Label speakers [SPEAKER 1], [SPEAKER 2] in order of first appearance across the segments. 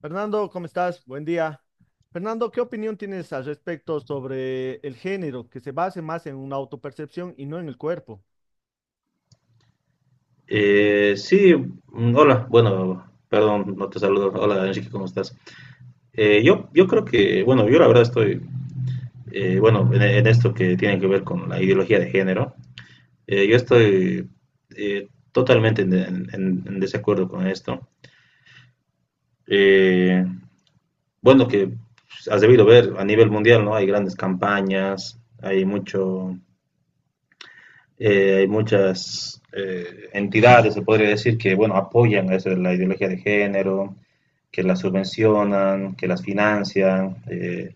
[SPEAKER 1] Fernando, ¿cómo estás? Buen día. Fernando, ¿qué opinión tienes al respecto sobre el género que se base más en una autopercepción y no en el cuerpo?
[SPEAKER 2] Sí, hola, bueno, perdón, no te saludo. Hola, Enrique, ¿cómo estás? Yo creo que, bueno, yo la verdad estoy, bueno, en esto que tiene que ver con la ideología de género. Yo estoy totalmente en desacuerdo con esto. Eh, bueno, que pues, has debido ver a nivel mundial, ¿no? Hay grandes campañas, hay mucho. Hay muchas entidades, se podría decir, que bueno, apoyan eso de la ideología de género, que las subvencionan, que las financian.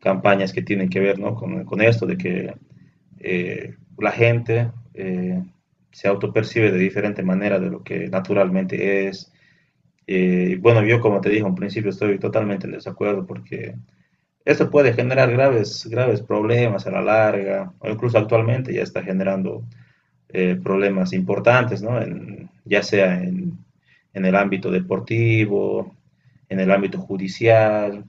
[SPEAKER 2] Campañas que tienen que ver, ¿no?, con esto, de que la gente se autopercibe de diferente manera de lo que naturalmente es. Y bueno, yo como te dije en principio estoy totalmente en desacuerdo porque esto puede generar graves, graves problemas a la larga, o incluso actualmente ya está generando problemas importantes, ¿no? Ya sea en el ámbito deportivo, en el ámbito judicial,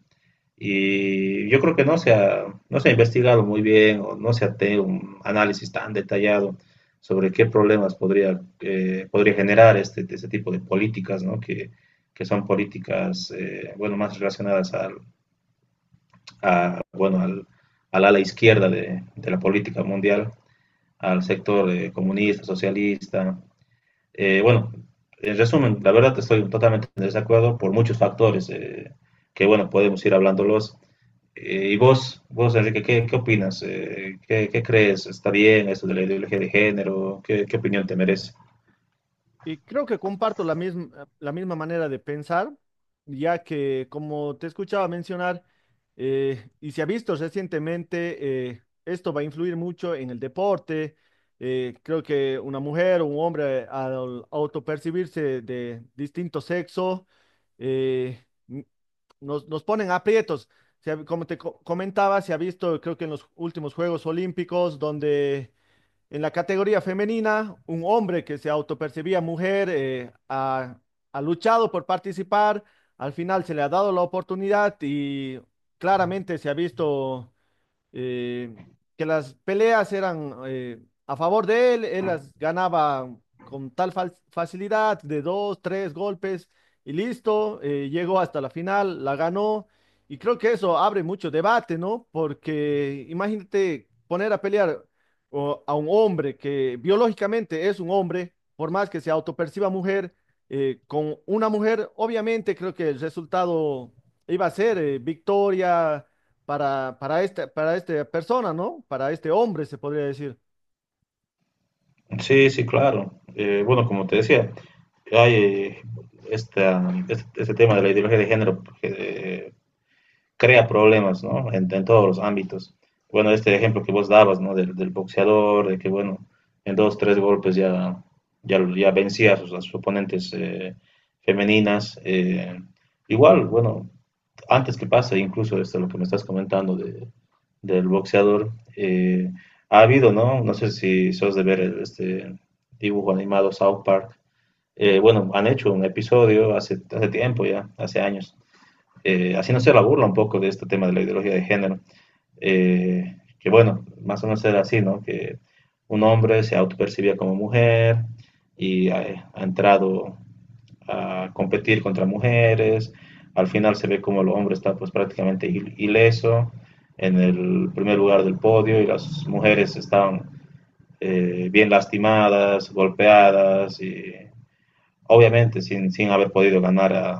[SPEAKER 2] y yo creo que no se ha investigado muy bien o no se ha tenido un análisis tan detallado sobre qué problemas podría generar este tipo de políticas, ¿no? Que son políticas bueno, más relacionadas al, a, bueno, al, al ala izquierda de la política mundial, al sector comunista, socialista. Bueno, en resumen, la verdad estoy totalmente en desacuerdo por muchos factores. Bueno, podemos ir hablándolos. Y vos, Enrique, ¿qué opinas? ¿Qué crees? ¿Está bien esto de la ideología de género? ¿Qué opinión te merece?
[SPEAKER 1] Y creo que comparto la misma manera de pensar, ya que como te escuchaba mencionar, y se ha visto recientemente, esto va a influir mucho en el deporte. Creo que una mujer o un hombre al autopercibirse de distinto sexo, eh, nos ponen aprietos. Como comentaba, se ha visto, creo que en los últimos Juegos Olímpicos, donde en la categoría femenina, un hombre que se autopercibía mujer ha luchado por participar, al final se le ha dado la oportunidad y claramente se ha visto eh, que las peleas eran a favor de él, él las ganaba con tal facilidad de dos, tres golpes y listo. Llegó hasta la final, la ganó y creo que eso abre mucho debate, ¿no? Porque imagínate poner a pelear a un hombre que biológicamente es un hombre, por más que se autoperciba mujer, con una mujer. Obviamente creo que el resultado iba a ser victoria para esta persona, ¿no? Para este hombre, se podría decir.
[SPEAKER 2] Sí, sí, claro. Bueno, como te decía, hay este tema de la ideología de género, crea problemas, ¿no? En todos los ámbitos. Bueno, este ejemplo que vos dabas, ¿no? Del boxeador, de que, bueno, en dos, tres golpes ya vencía a sus oponentes femeninas. Igual, bueno, antes que pase, incluso este, lo que me estás comentando del boxeador, eh, ha habido, ¿no? No sé si sos de ver este dibujo animado South Park. Bueno, han hecho un episodio hace tiempo ya, hace años, haciéndose la burla un poco de este tema de la ideología de género. Que bueno, más o menos era así, ¿no? Que un hombre se autopercibía como mujer y ha entrado a competir contra mujeres, al final se ve como el hombre está pues prácticamente ileso en el primer lugar del podio y las mujeres estaban bien lastimadas, golpeadas y obviamente sin haber podido ganar a,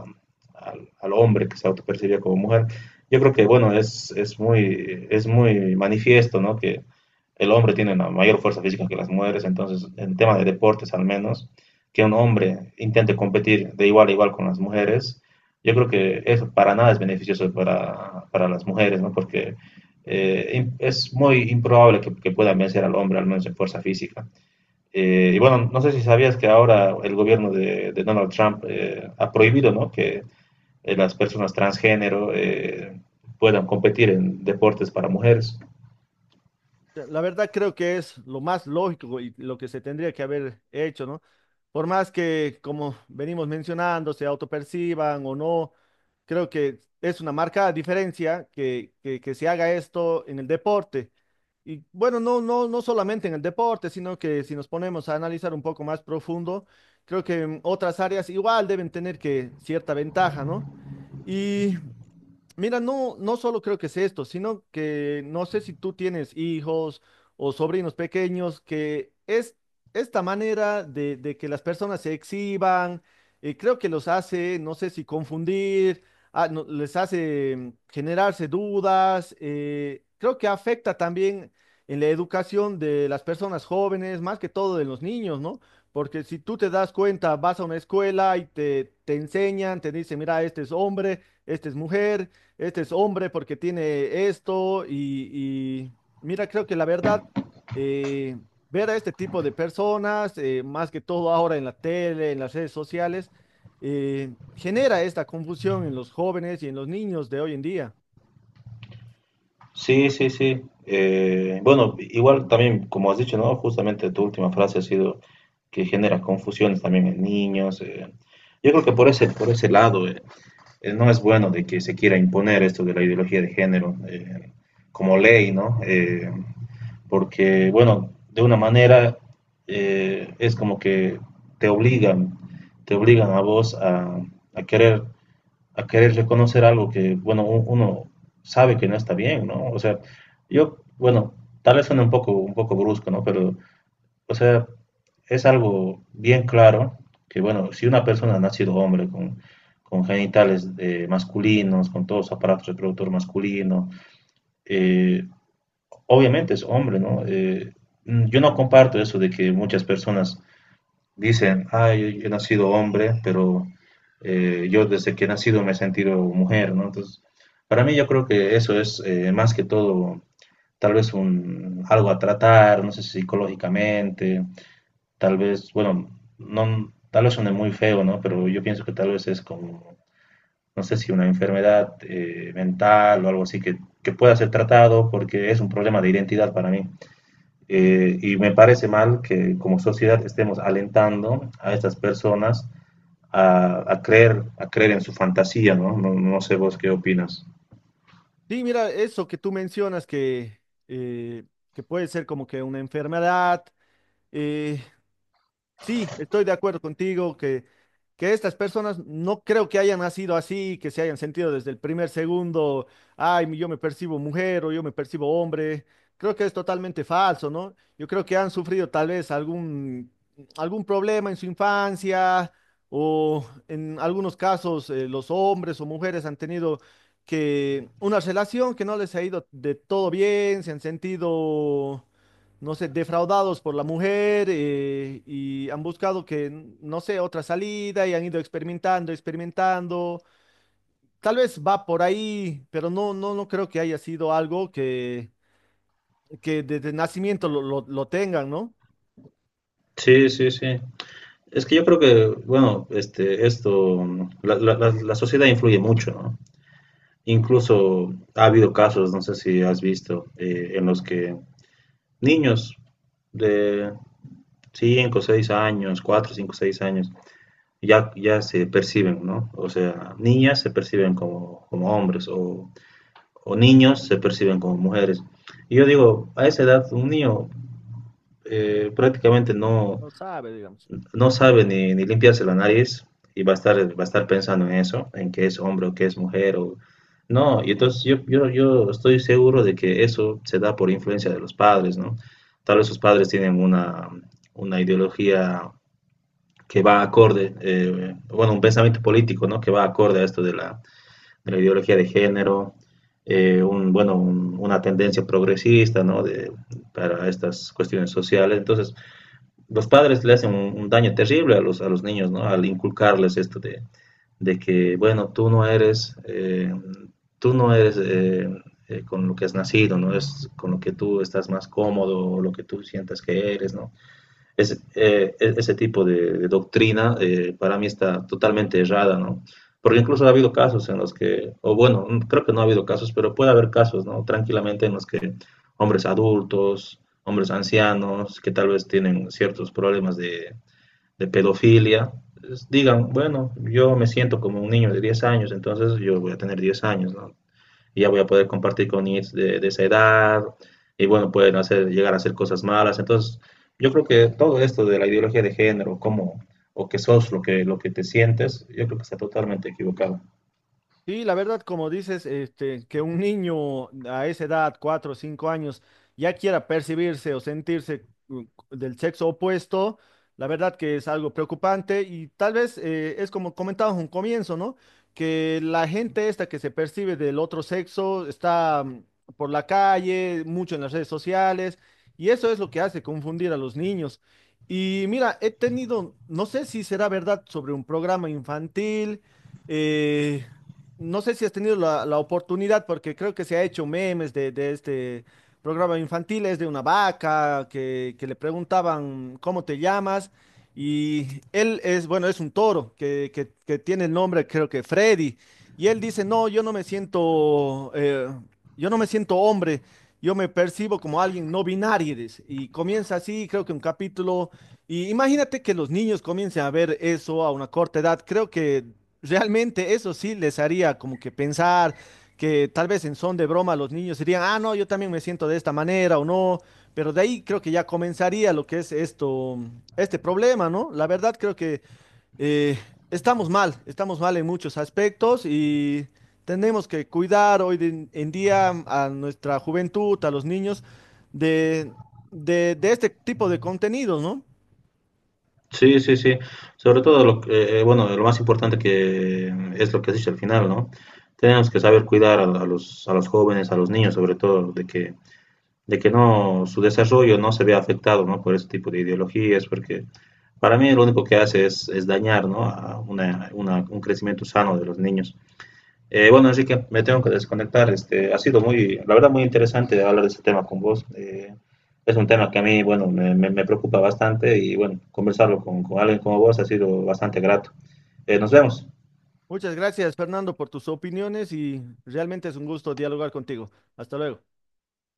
[SPEAKER 2] al, al hombre que se autopercibía como mujer. Yo creo que, bueno, es muy manifiesto, ¿no? Que el hombre tiene una mayor fuerza física que las mujeres, entonces, en tema de deportes al menos, que un hombre intente competir de igual a igual con las mujeres, yo creo que eso para nada es beneficioso para las mujeres, ¿no? Porque es muy improbable que puedan vencer al hombre, al menos en fuerza física. Y bueno, no sé si sabías que ahora el gobierno de Donald Trump ha prohibido, ¿no?, que las personas transgénero puedan competir en deportes para mujeres.
[SPEAKER 1] La verdad creo que es lo más lógico y lo que se tendría que haber hecho, ¿no? Por más que, como venimos mencionando, se autoperciban o no, creo que es una marcada diferencia que se haga esto en el deporte. Y bueno, no solamente en el deporte, sino que si nos ponemos a analizar un poco más profundo, creo que en otras áreas igual deben tener que cierta ventaja, ¿no? Y mira, no solo creo que es esto, sino que no sé si tú tienes hijos o sobrinos pequeños. Que es esta manera de que las personas se exhiban, creo que los hace, no sé, si confundir, les hace generarse dudas. Creo que afecta también en la educación de las personas jóvenes, más que todo de los niños, ¿no? Porque si tú te das cuenta, vas a una escuela y te enseñan, te dicen, mira, este es hombre, este es mujer, este es hombre porque tiene esto, y y mira, creo que la verdad, eh, ver a este tipo de personas, más que todo ahora en la tele, en las redes sociales, genera esta confusión en los jóvenes y en los niños de hoy en día.
[SPEAKER 2] Sí, sí, sí. Bueno, igual también, como has dicho, ¿no?, justamente tu última frase ha sido que genera confusiones también en niños. Yo creo que por ese lado no es bueno de que se quiera imponer esto de la ideología de género como ley, ¿no? Porque, bueno, de una manera es como que te obligan, te obligan a vos a querer, a querer reconocer algo que, bueno, uno sabe que no está bien, ¿no? O sea, yo, bueno, tal vez suene un poco brusco, ¿no? Pero, o sea, es algo bien claro que, bueno, si una persona ha nacido hombre con genitales masculinos, con todos los aparatos reproductor masculino. eh, Obviamente es hombre, ¿no? Yo no comparto eso de que muchas personas dicen, ah, yo he nacido hombre, pero yo desde que he nacido me he sentido mujer, ¿no? Entonces, para mí yo creo que eso es más que todo tal vez algo a tratar, no sé, si psicológicamente, tal vez, bueno, no, tal vez suene muy feo, ¿no? Pero yo pienso que tal vez es como, no sé si una enfermedad mental o algo así que pueda ser tratado porque es un problema de identidad para mí. Y me parece mal que como sociedad estemos alentando a estas personas a creer en su fantasía, ¿no? ¿no? No sé vos qué opinas.
[SPEAKER 1] Sí, mira, eso que tú mencionas eh, que puede ser como que una enfermedad. eh, Sí, estoy de acuerdo contigo que estas personas no creo que hayan nacido así, que se hayan sentido desde el primer segundo, ay, yo me percibo mujer o yo me percibo hombre. Creo que es totalmente falso, ¿no? Yo creo que han sufrido tal vez algún problema en su infancia o en algunos casos los hombres o mujeres han tenido que una relación que no les ha ido de todo bien, se han sentido, no sé, defraudados por la mujer, y han buscado no sé, otra salida y han ido experimentando, experimentando. Tal vez va por ahí, pero no creo que haya sido algo que desde nacimiento lo tengan, ¿no?
[SPEAKER 2] Sí, sí, sí. Es que yo creo que, bueno, esto, la sociedad influye mucho, ¿no? Incluso ha habido casos, no sé si has visto, en los que niños de 5 6 años, 4 5 6 años, ya se perciben, ¿no? O sea, niñas se perciben como hombres o niños se perciben como mujeres. Y yo digo, a esa edad un niño prácticamente
[SPEAKER 1] No sabe, digamos.
[SPEAKER 2] no sabe ni limpiarse la nariz y va a estar pensando en eso, en que es hombre o que es mujer. O... No, y entonces yo estoy seguro de que eso se da por influencia de los padres, ¿no? Tal vez sus padres tienen una ideología que va acorde, bueno, un pensamiento político, ¿no? Que va acorde a esto de la ideología de género, una tendencia progresista, ¿no? Para estas cuestiones sociales. Entonces, los padres le hacen un daño terrible a los niños, ¿no? Al inculcarles esto de que, bueno, tú no eres con lo que has nacido, ¿no? Es con lo que tú estás más cómodo, o lo que tú sientas que eres, ¿no? Ese tipo de doctrina para mí está totalmente errada, ¿no? Porque incluso ha habido casos en los que, o bueno, creo que no ha habido casos, pero puede haber casos, ¿no? Tranquilamente en los que hombres adultos, hombres ancianos, que tal vez tienen ciertos problemas de pedofilia, digan, bueno, yo me siento como un niño de 10 años, entonces yo voy a tener 10 años, ¿no? Y ya voy a poder compartir con niños de esa edad, y bueno, pueden hacer, llegar a hacer cosas malas. Entonces, yo creo que todo esto de la ideología de género, o que sos lo que, te sientes, yo creo que está totalmente equivocado.
[SPEAKER 1] Sí, la verdad, como dices, este, que un niño a esa edad, cuatro o cinco años, ya quiera percibirse o sentirse del sexo opuesto, la verdad que es algo preocupante y tal vez es como comentábamos un comienzo, ¿no? Que la gente esta que se percibe del otro sexo está por la calle, mucho en las redes sociales y eso es lo que hace confundir a los niños. Y mira, he tenido, no sé si será verdad sobre un programa infantil. eh, no sé si has tenido la oportunidad, porque creo que se ha hecho memes de este programa infantil, es de una vaca que le preguntaban cómo te llamas, y él es, bueno, es un toro que tiene el nombre, creo que Freddy, y él dice, no, yo no me siento, yo no me siento hombre, yo me percibo como alguien no binario, dice, y comienza así, creo que un capítulo, y imagínate que los niños comiencen a ver eso a una corta edad. Creo que realmente eso sí les haría como que pensar, que tal vez en son de broma los niños dirían, ah, no, yo también me siento de esta manera o no, pero de ahí creo que ya comenzaría lo que es esto, este problema, ¿no? La verdad creo que eh, estamos mal en muchos aspectos y tenemos que cuidar en día a nuestra juventud, a los niños, de, de este tipo de contenidos, ¿no?
[SPEAKER 2] Sí, sí, sí. Sobre todo, bueno, lo más importante que es lo que has dicho al final, ¿no? Tenemos que saber cuidar a los jóvenes, a los niños, sobre todo, de que su desarrollo no se vea afectado, ¿no?, por ese tipo de ideologías, porque para mí lo único que hace es dañar, ¿no?, a un crecimiento sano de los niños. Bueno, así que me tengo que desconectar. Ha sido muy, la verdad, muy interesante hablar de este tema con vos. Es un tema que a mí, bueno, me preocupa bastante y, bueno, conversarlo alguien como vos ha sido bastante grato. Nos vemos.
[SPEAKER 1] Muchas gracias, Fernando, por tus opiniones y realmente es un gusto dialogar contigo. Hasta luego.